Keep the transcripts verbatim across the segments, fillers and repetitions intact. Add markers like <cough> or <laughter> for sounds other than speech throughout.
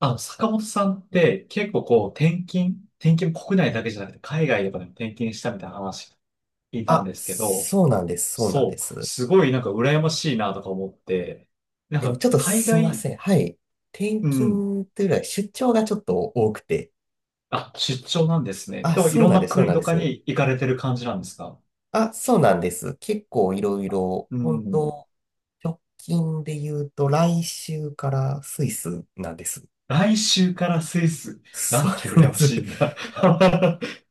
あの、坂本さんって結構こう転勤、転勤も国内だけじゃなくて海外とかでもね転勤したみたいな話聞いたんあ、ですけど、そうなんです、そうなんでそう、す。すごいなんか羨ましいなとか思って、なんでもかちょっと海すみま外、せん。はい。転うん、勤というよりは出張がちょっと多くて。あ、出張なんですね。あ、でもいそうろんなんでなす、そう国なんでとかす。に行かれてる感じなんですか？あ、そうなんです。結構いろいろ、う本ん。当直近で言うと来週からスイスなんです。<laughs> 来週からスイス。なそうんてなん羨でます。しいんだ。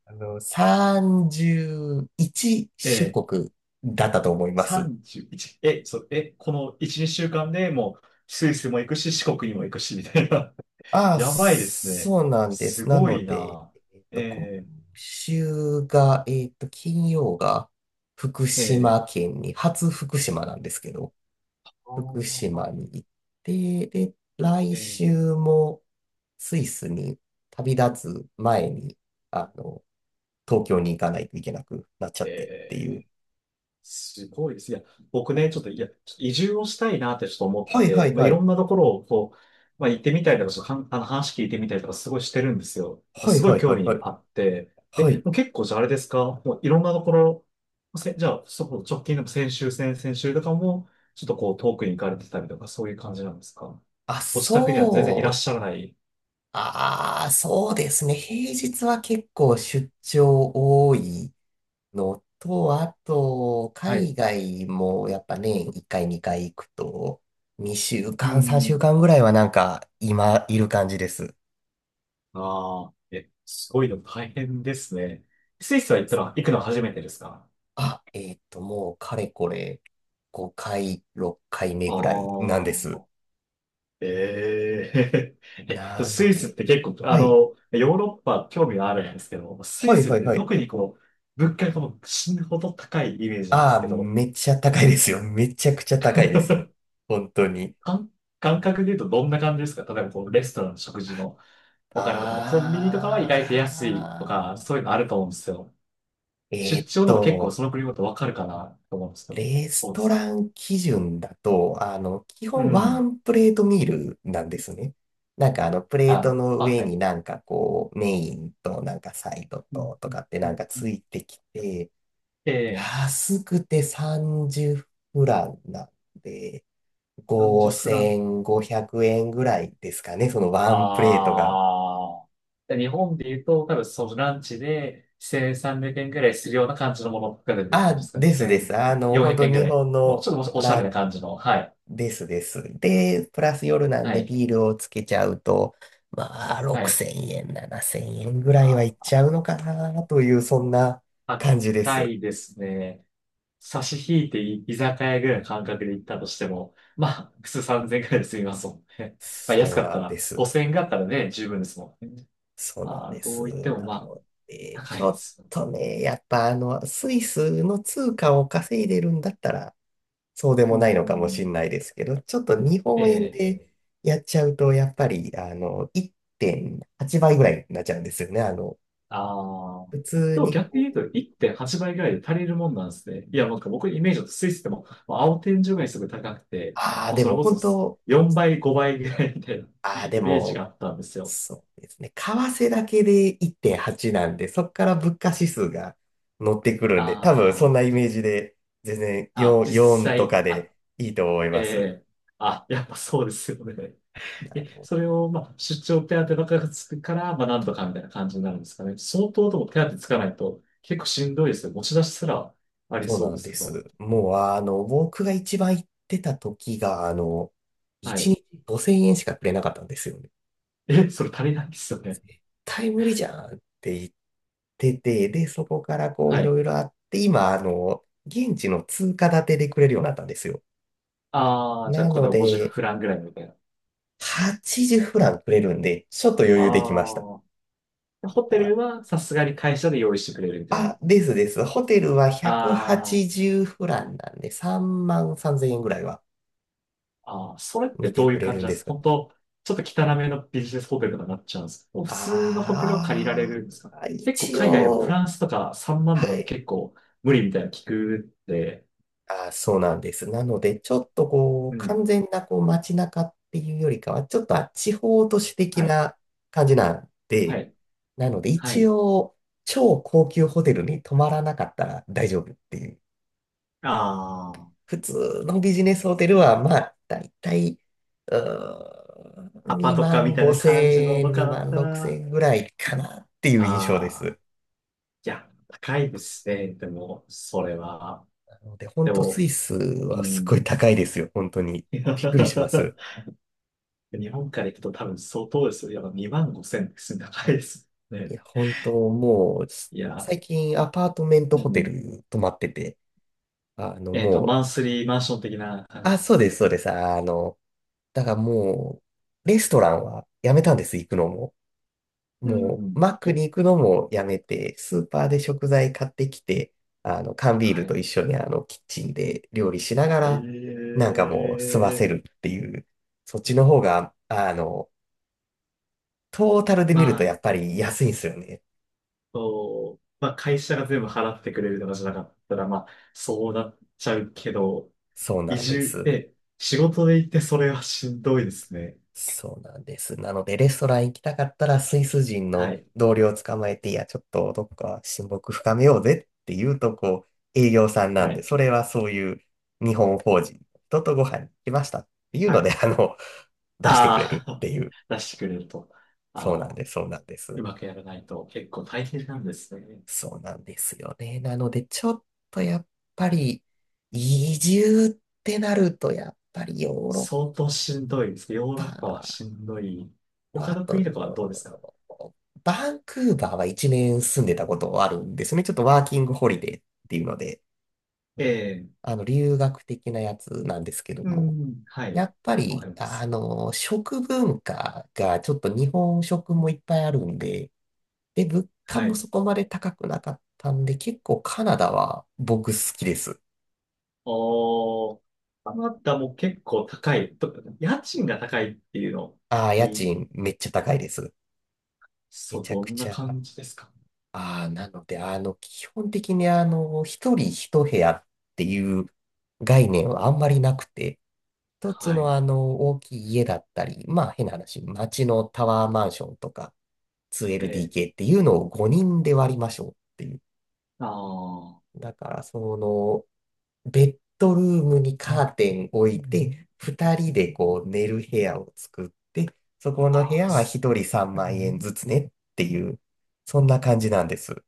あの、さんじゅういち <laughs> 出えー、国だったと思います。さんじゅういち、え、そう、え、このいち、にしゅうかんでもうスイスも行くし、四国にも行くし、みたいな。ああ、やばいですね。そうなんです。すなごのいで、な。えっと、今え週が、えっと、金曜が福ー、え島県に、初福島なんですけど、福ー、あ島ーに行って、で、来え週もスイスに旅立つ前に、あの、東京に行かないといけなくなっちゃー、ってってえいう。ー、すごいです。いや、僕ね、ちょっと、いや、ちょっと移住をしたいなってちょっと思ってはいはて、いまあ、いはい。ろんなところをこう、まあ、行ってみたりとか、ちょっとかんあの話聞いてみたりとか、すごいしてるんですよ。はいすごはいいは興いは味い。あって。はえ、い。もう結構じゃああれですか？もういろんなところ、せ、じゃあ、そこ直近でも先週、先々週とかも、ちょっとこう遠くに行かれてたりとか、そういう感じなんですか？あ、ご自宅には全然いらっそうしゃらない。ああ、そうですね。平日は結構出張多いのと、あと、は海い。外もやっぱねいっかいにかい行くと、2週う間、3週ん。間ぐらいはなんか今いる感じです。ああ、え、すごいの大変ですね。スイスは行ったら行くの初めてですか？あ、えっと、もうかれこれごかい、ろっかいめぐらいなんああ。です。ええ。 <laughs> えなスのイスっで、て結構、あはの、い。ヨーロッパ興味があるんですけど、スはイいスっはいてはい。特にこう、物価がもう死ぬほど高いイメージなんであすあ、けど、めっちゃ高いですよ。めちゃくちゃ高いですよ。本当に。感、感覚で言うとどんな感じですか？例えばこう、レストランの食事のお金とかも、コンビニとかは意外とあ安いとか、あ、そういうのあると思うんですよ。え出ーっ張でも結構と、その国ごとわかるかなと思うんですけど、レスどうでトすか？ラン基準だと、あの、基う本ワん。ンプレートミールなんですね。なんかあの、プレーあトの、のあ、上はにい。なんかこう、メインとなんかサイドうん。ととうん、かってうなんん、かうつん、いてきて、ええ、安くてさんじゅうフランなんで、なんじゅうフラン。ごせんごひゃくえんぐらいですかね、そのワンプレートが。ああ。で日本で言うと、多分そのランチでせんさんびゃくえんぐらいするような感じのものが出てる感じであ、すかね。ですです。あの、1400本当円ぐ日らい。本もうちのょっとおしゃラれなン。感じの。はい。ですです。で、プラス夜なんはでい。ビールをつけちゃうと、まあ、はい。ろくせんえん、ななせんえんぐらいはいっあちゃうのかなという、そんなー、感じで高す。いですね。差し引いてい居酒屋ぐらいの感覚で行ったとしても、まあ、普通さんぜんえんぐらいで済みますもんね。<laughs> まあ、安そうかっなたんでら、す。ごせんえんがあったらね、十分ですもんね。そうなんまあ、でどす。う言ってもなまあ、ので、高ちいょでっす。とね、やっぱあの、スイスの通貨を稼いでるんだったら、そうでうもないのかもしん。れないですけど、ちょっと日え本円え。でやっちゃうと、やっぱり、あの、いってんはちばいぐらいになっちゃうんですよね。あの、ああ。普通でもに。逆に言うといってんはちばいぐらいで足りるもんなんですね。いや、なんか僕のイメージだとスイスでも、まあ青天井がにすごい高くて、ああ、もうでそれもこそ本当、4そ倍、うです5ね。倍ぐらいみたいな ああ、<laughs> でイメージがも、あったんですよ。そうですね。為替だけでいってんはちなんで、そこから物価指数が乗ってくるんで、多分そあんなイメージで、全然あ、あ、よん、実よんと際、かあ、でいいと思いえます。え、あ、やっぱそうですよね。あえ、の、それを、まあ、出張手当ばっかりつくから、まあ、なんとかみたいな感じになるんですかね。相当でも手当つかないと、結構しんどいですよ。持ち出しすらありそうそうなでんすでけど。す。もう、あの、僕が一番行ってた時が、あの、は1い。日ごせんえんしかくれなかったんですよね。え、それ足りないですよね。対無理じゃんって言ってて、で、そこからこうはいろい。いろあって、今、あの、現地の通貨建てでくれるようになったんですよ。ああ、じゃあ、なこのれはごじゅうで、フランぐらいみたいな。はちじゅうフランくれるんで、ちょっと余あ裕できました。あ。ホテあ、ルはさすがに会社で用意してくれるみたいあな。ですです。ホテルはああ。ひゃくはちじゅうフランなんで、さんまんさんぜんえんぐらいはああ、それって見てどういくうれ感るじんなんでですすか？が。本当、ちょっと汚めのビジネスホテルとかになっちゃうんですか？もう普通のホテルを借りられあるんですか？あ、結構一海外だとフ応、ランスとかさんまんはとかでもい。結構無理みたいなの聞くって、あー、そうなんです。なので、ちょっとこう、うん。完全なこう街中っていうよりかは、ちょっとあ地方都市的はい。な感じなんはで、い。なので、は一い。応、超高級ホテルに泊まらなかったら大丈夫っていう。あ普通のビジネスホテルあ、は、まあ、だいたい、うーん、アパと2かみ万たいな5感じの千と円、かだ2っ万た6ら、千円ぐらいかなっていう印象でああ、す。いや、高いですね。でも、それは。なので、本で当スイも、スうはすっごいん。高いですよ。本当に。びっくりします。<laughs> 日本から行くと多分相当ですよ。やっぱにまんごせんですね。高いですいね。や、本当もう、すいや、最近アパートメントうホテん。ル泊まってて、あの、えっと、もう、マンスリーマンション的な感じであ、すか？そうです、そうです。あの、だからもう、レストランはやめたんです、行くのも。うもん。う、マックにと、行くのもやめて、スーパーで食材買ってきて、あの、缶ビーはルとい。一緒にあの、キッチンで料理しながら、えなんかもう、済ませえ。るっていう、そっちの方が、あの、トータルでま見るとあ、やっぱり安いんですよね。と、まあ、会社が全部払ってくれるとかじゃなかったら、まあ、そうなっちゃうけど、そう移なんで住す。で、仕事で行ってそれはしんどいですね。そうなんです。なので、レストラン行きたかったら、スイス人はのい。同僚を捕まえて、いや、ちょっとどっか親睦深めようぜって言うと、こう、営業さんなはんで、い。それはそういう日本法人の人とご飯に行きましたっていうはので、い。あの、出してくれあるっあ。ていう。<laughs> 出してくれると。そうあなんあ、です、そうなんです。うまくやらないと結構大変なんですね。そうなんですよね。なので、ちょっとやっぱり、移住ってなると、やっぱりヨーロ相当しんどいですね。ヨーッロッパはパしんどい。ま他あの国とかはどうですか？と、バンクーバーはいちねん住んでたことあるんですね。ちょっとワーキングホリデーっていうので、ええ。あの、留学的なやつなんですけどうも、ん。はい。やっぱわかり、りまあす。の、食文化がちょっと日本食もいっぱいあるんで、で、物価はもい。そこまで高くなかったんで、結構カナダは僕好きです。おー。カナダも結構高い。と家賃が高いっていうのをああ、家聞き、賃めっちゃ高いです。めそう、ちゃどくんなちゃ。感じですか？ああ、なので、あの、基本的に、あの、一人一部屋っていう概念はあんまりなくて、一つはい。の、あの、大きい家だったり、まあ、変な話、街のタワーマンションとか、ええ。ツーエルディーケー っていうのをごにんで割りましょうっていう。あーだから、その、ベッドルームにカーテン置いて、ふたりでこう、寝る部屋を作って、そこの部あ屋ー、はす一人さんまん円ずつねっていう、そんな感じなんです。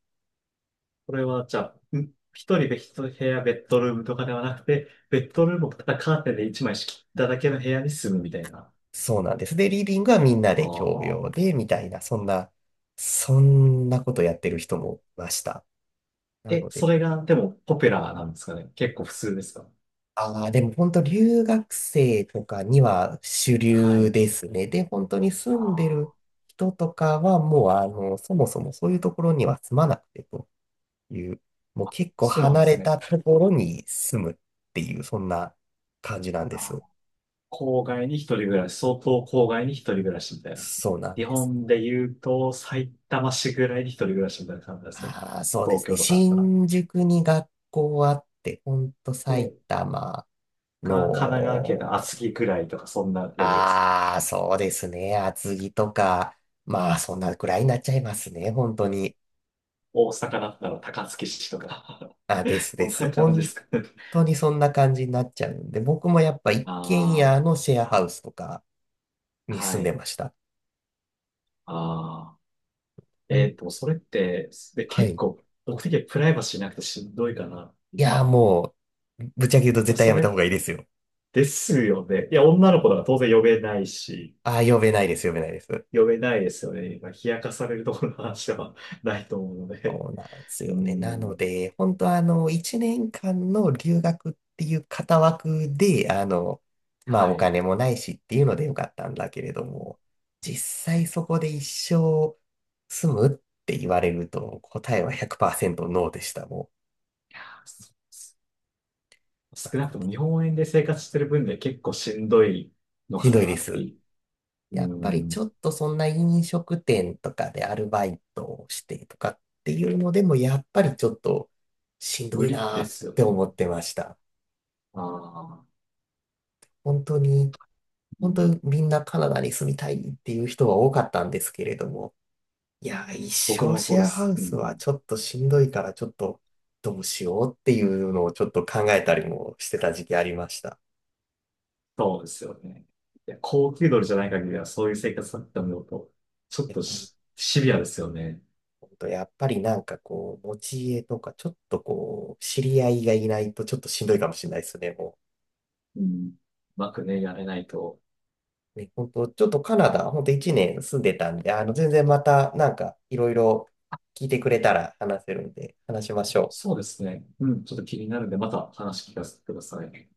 これはじゃあ、ん一人で一部屋、ベッドルームとかではなくて、ベッドルームをただカーテンで一枚仕切っただけの部屋に住むみたいな。そうなんです。で、リビングはみんなあで共用あ。で、みたいな、そんな、そんなことやってる人もいました。なえ、ので、それが、でも、ポピュラーなんですかね。結構普通ですか？ああ、でも本当留学生とかには主は流い。ですね。で、本当に住あんであ、る人とかはもう、あの、そもそもそういうところには住まなくてという、もう結構そうなん離でれすね。たところに住むっていう、そんな感じなんであす。ー郊外に一人暮らし、相当郊外に一人暮らしみたいな。そうなん日です。本で言うと、埼玉市ぐらいに一人暮らしみたいな感じですかね。ああ、そうで東すね。京とかあったら。新宿に学校あって、ほんと埼で、玉か、神奈川県のの、厚木ぐらいとか、そんなレベルです。ああ、そうですね。厚木とか、まあ、そんなくらいになっちゃいますね。本当に。大阪だったら高槻市とか あ、<laughs> ですこでんす。な感じで本すかね。当にそんな感じになっちゃうんで、僕もやっぱ一軒あ家のシェアハウスとかあ、には住んでい。ました。ああ。うえんっと、それって、で、は結い。構、僕的にはプライバシーなくてしんどいかなっていいう。やー、もう、ぶっちゃけ言うとま絶対あ、やそめたれ方がいいですよ。ですよね。いや、女の子だから当然呼べないし、ああ、呼べないです、呼べないです。呼べないですよね。まあ、冷やかされるところの話では <laughs> ないと思うので。そうなんですうよね。なのん。で、本当あの、いちねんかんの留学っていう型枠で、あの、まあはおい。金もないしっていうのでよかったんだけれども、実際そこで一生住むって言われると答えはひゃくパーセントノーでした、も少んななのくとで、も日本円で生活してる分で結構しんどいのひかどいでなってす。いう。やっうぱりちょっん。とそんな飲食店とかでアルバイトをしてとかっていうのでも、やっぱりちょっとしんど無い理なでーっすよて思ね。ってました。ああ。本当にう本当ん。にみんなカナダに住みたいっていう人は多かったんですけれども、いや、一僕生もシそうェでアハす。ウうスはん。ちょっとしんどいからちょっとどうしようっていうのをちょっと考えたりもしてた時期ありました。そうですよね。いや、高級鳥じゃない限りは、そういう生活だって思うと、ちょいっや、としシビアですよね。本当やっぱりなんかこう、持ち家とかちょっとこう、知り合いがいないとちょっとしんどいかもしれないですね、もうん。うまくね、やれないと。う。ね、本当ちょっとカナダ、本当いちねん住んでたんで、あの、全然またなんかいろいろ聞いてくれたら話せるんで、話しましょう。そうですね。うん、ちょっと気になるんで、また話聞かせてください。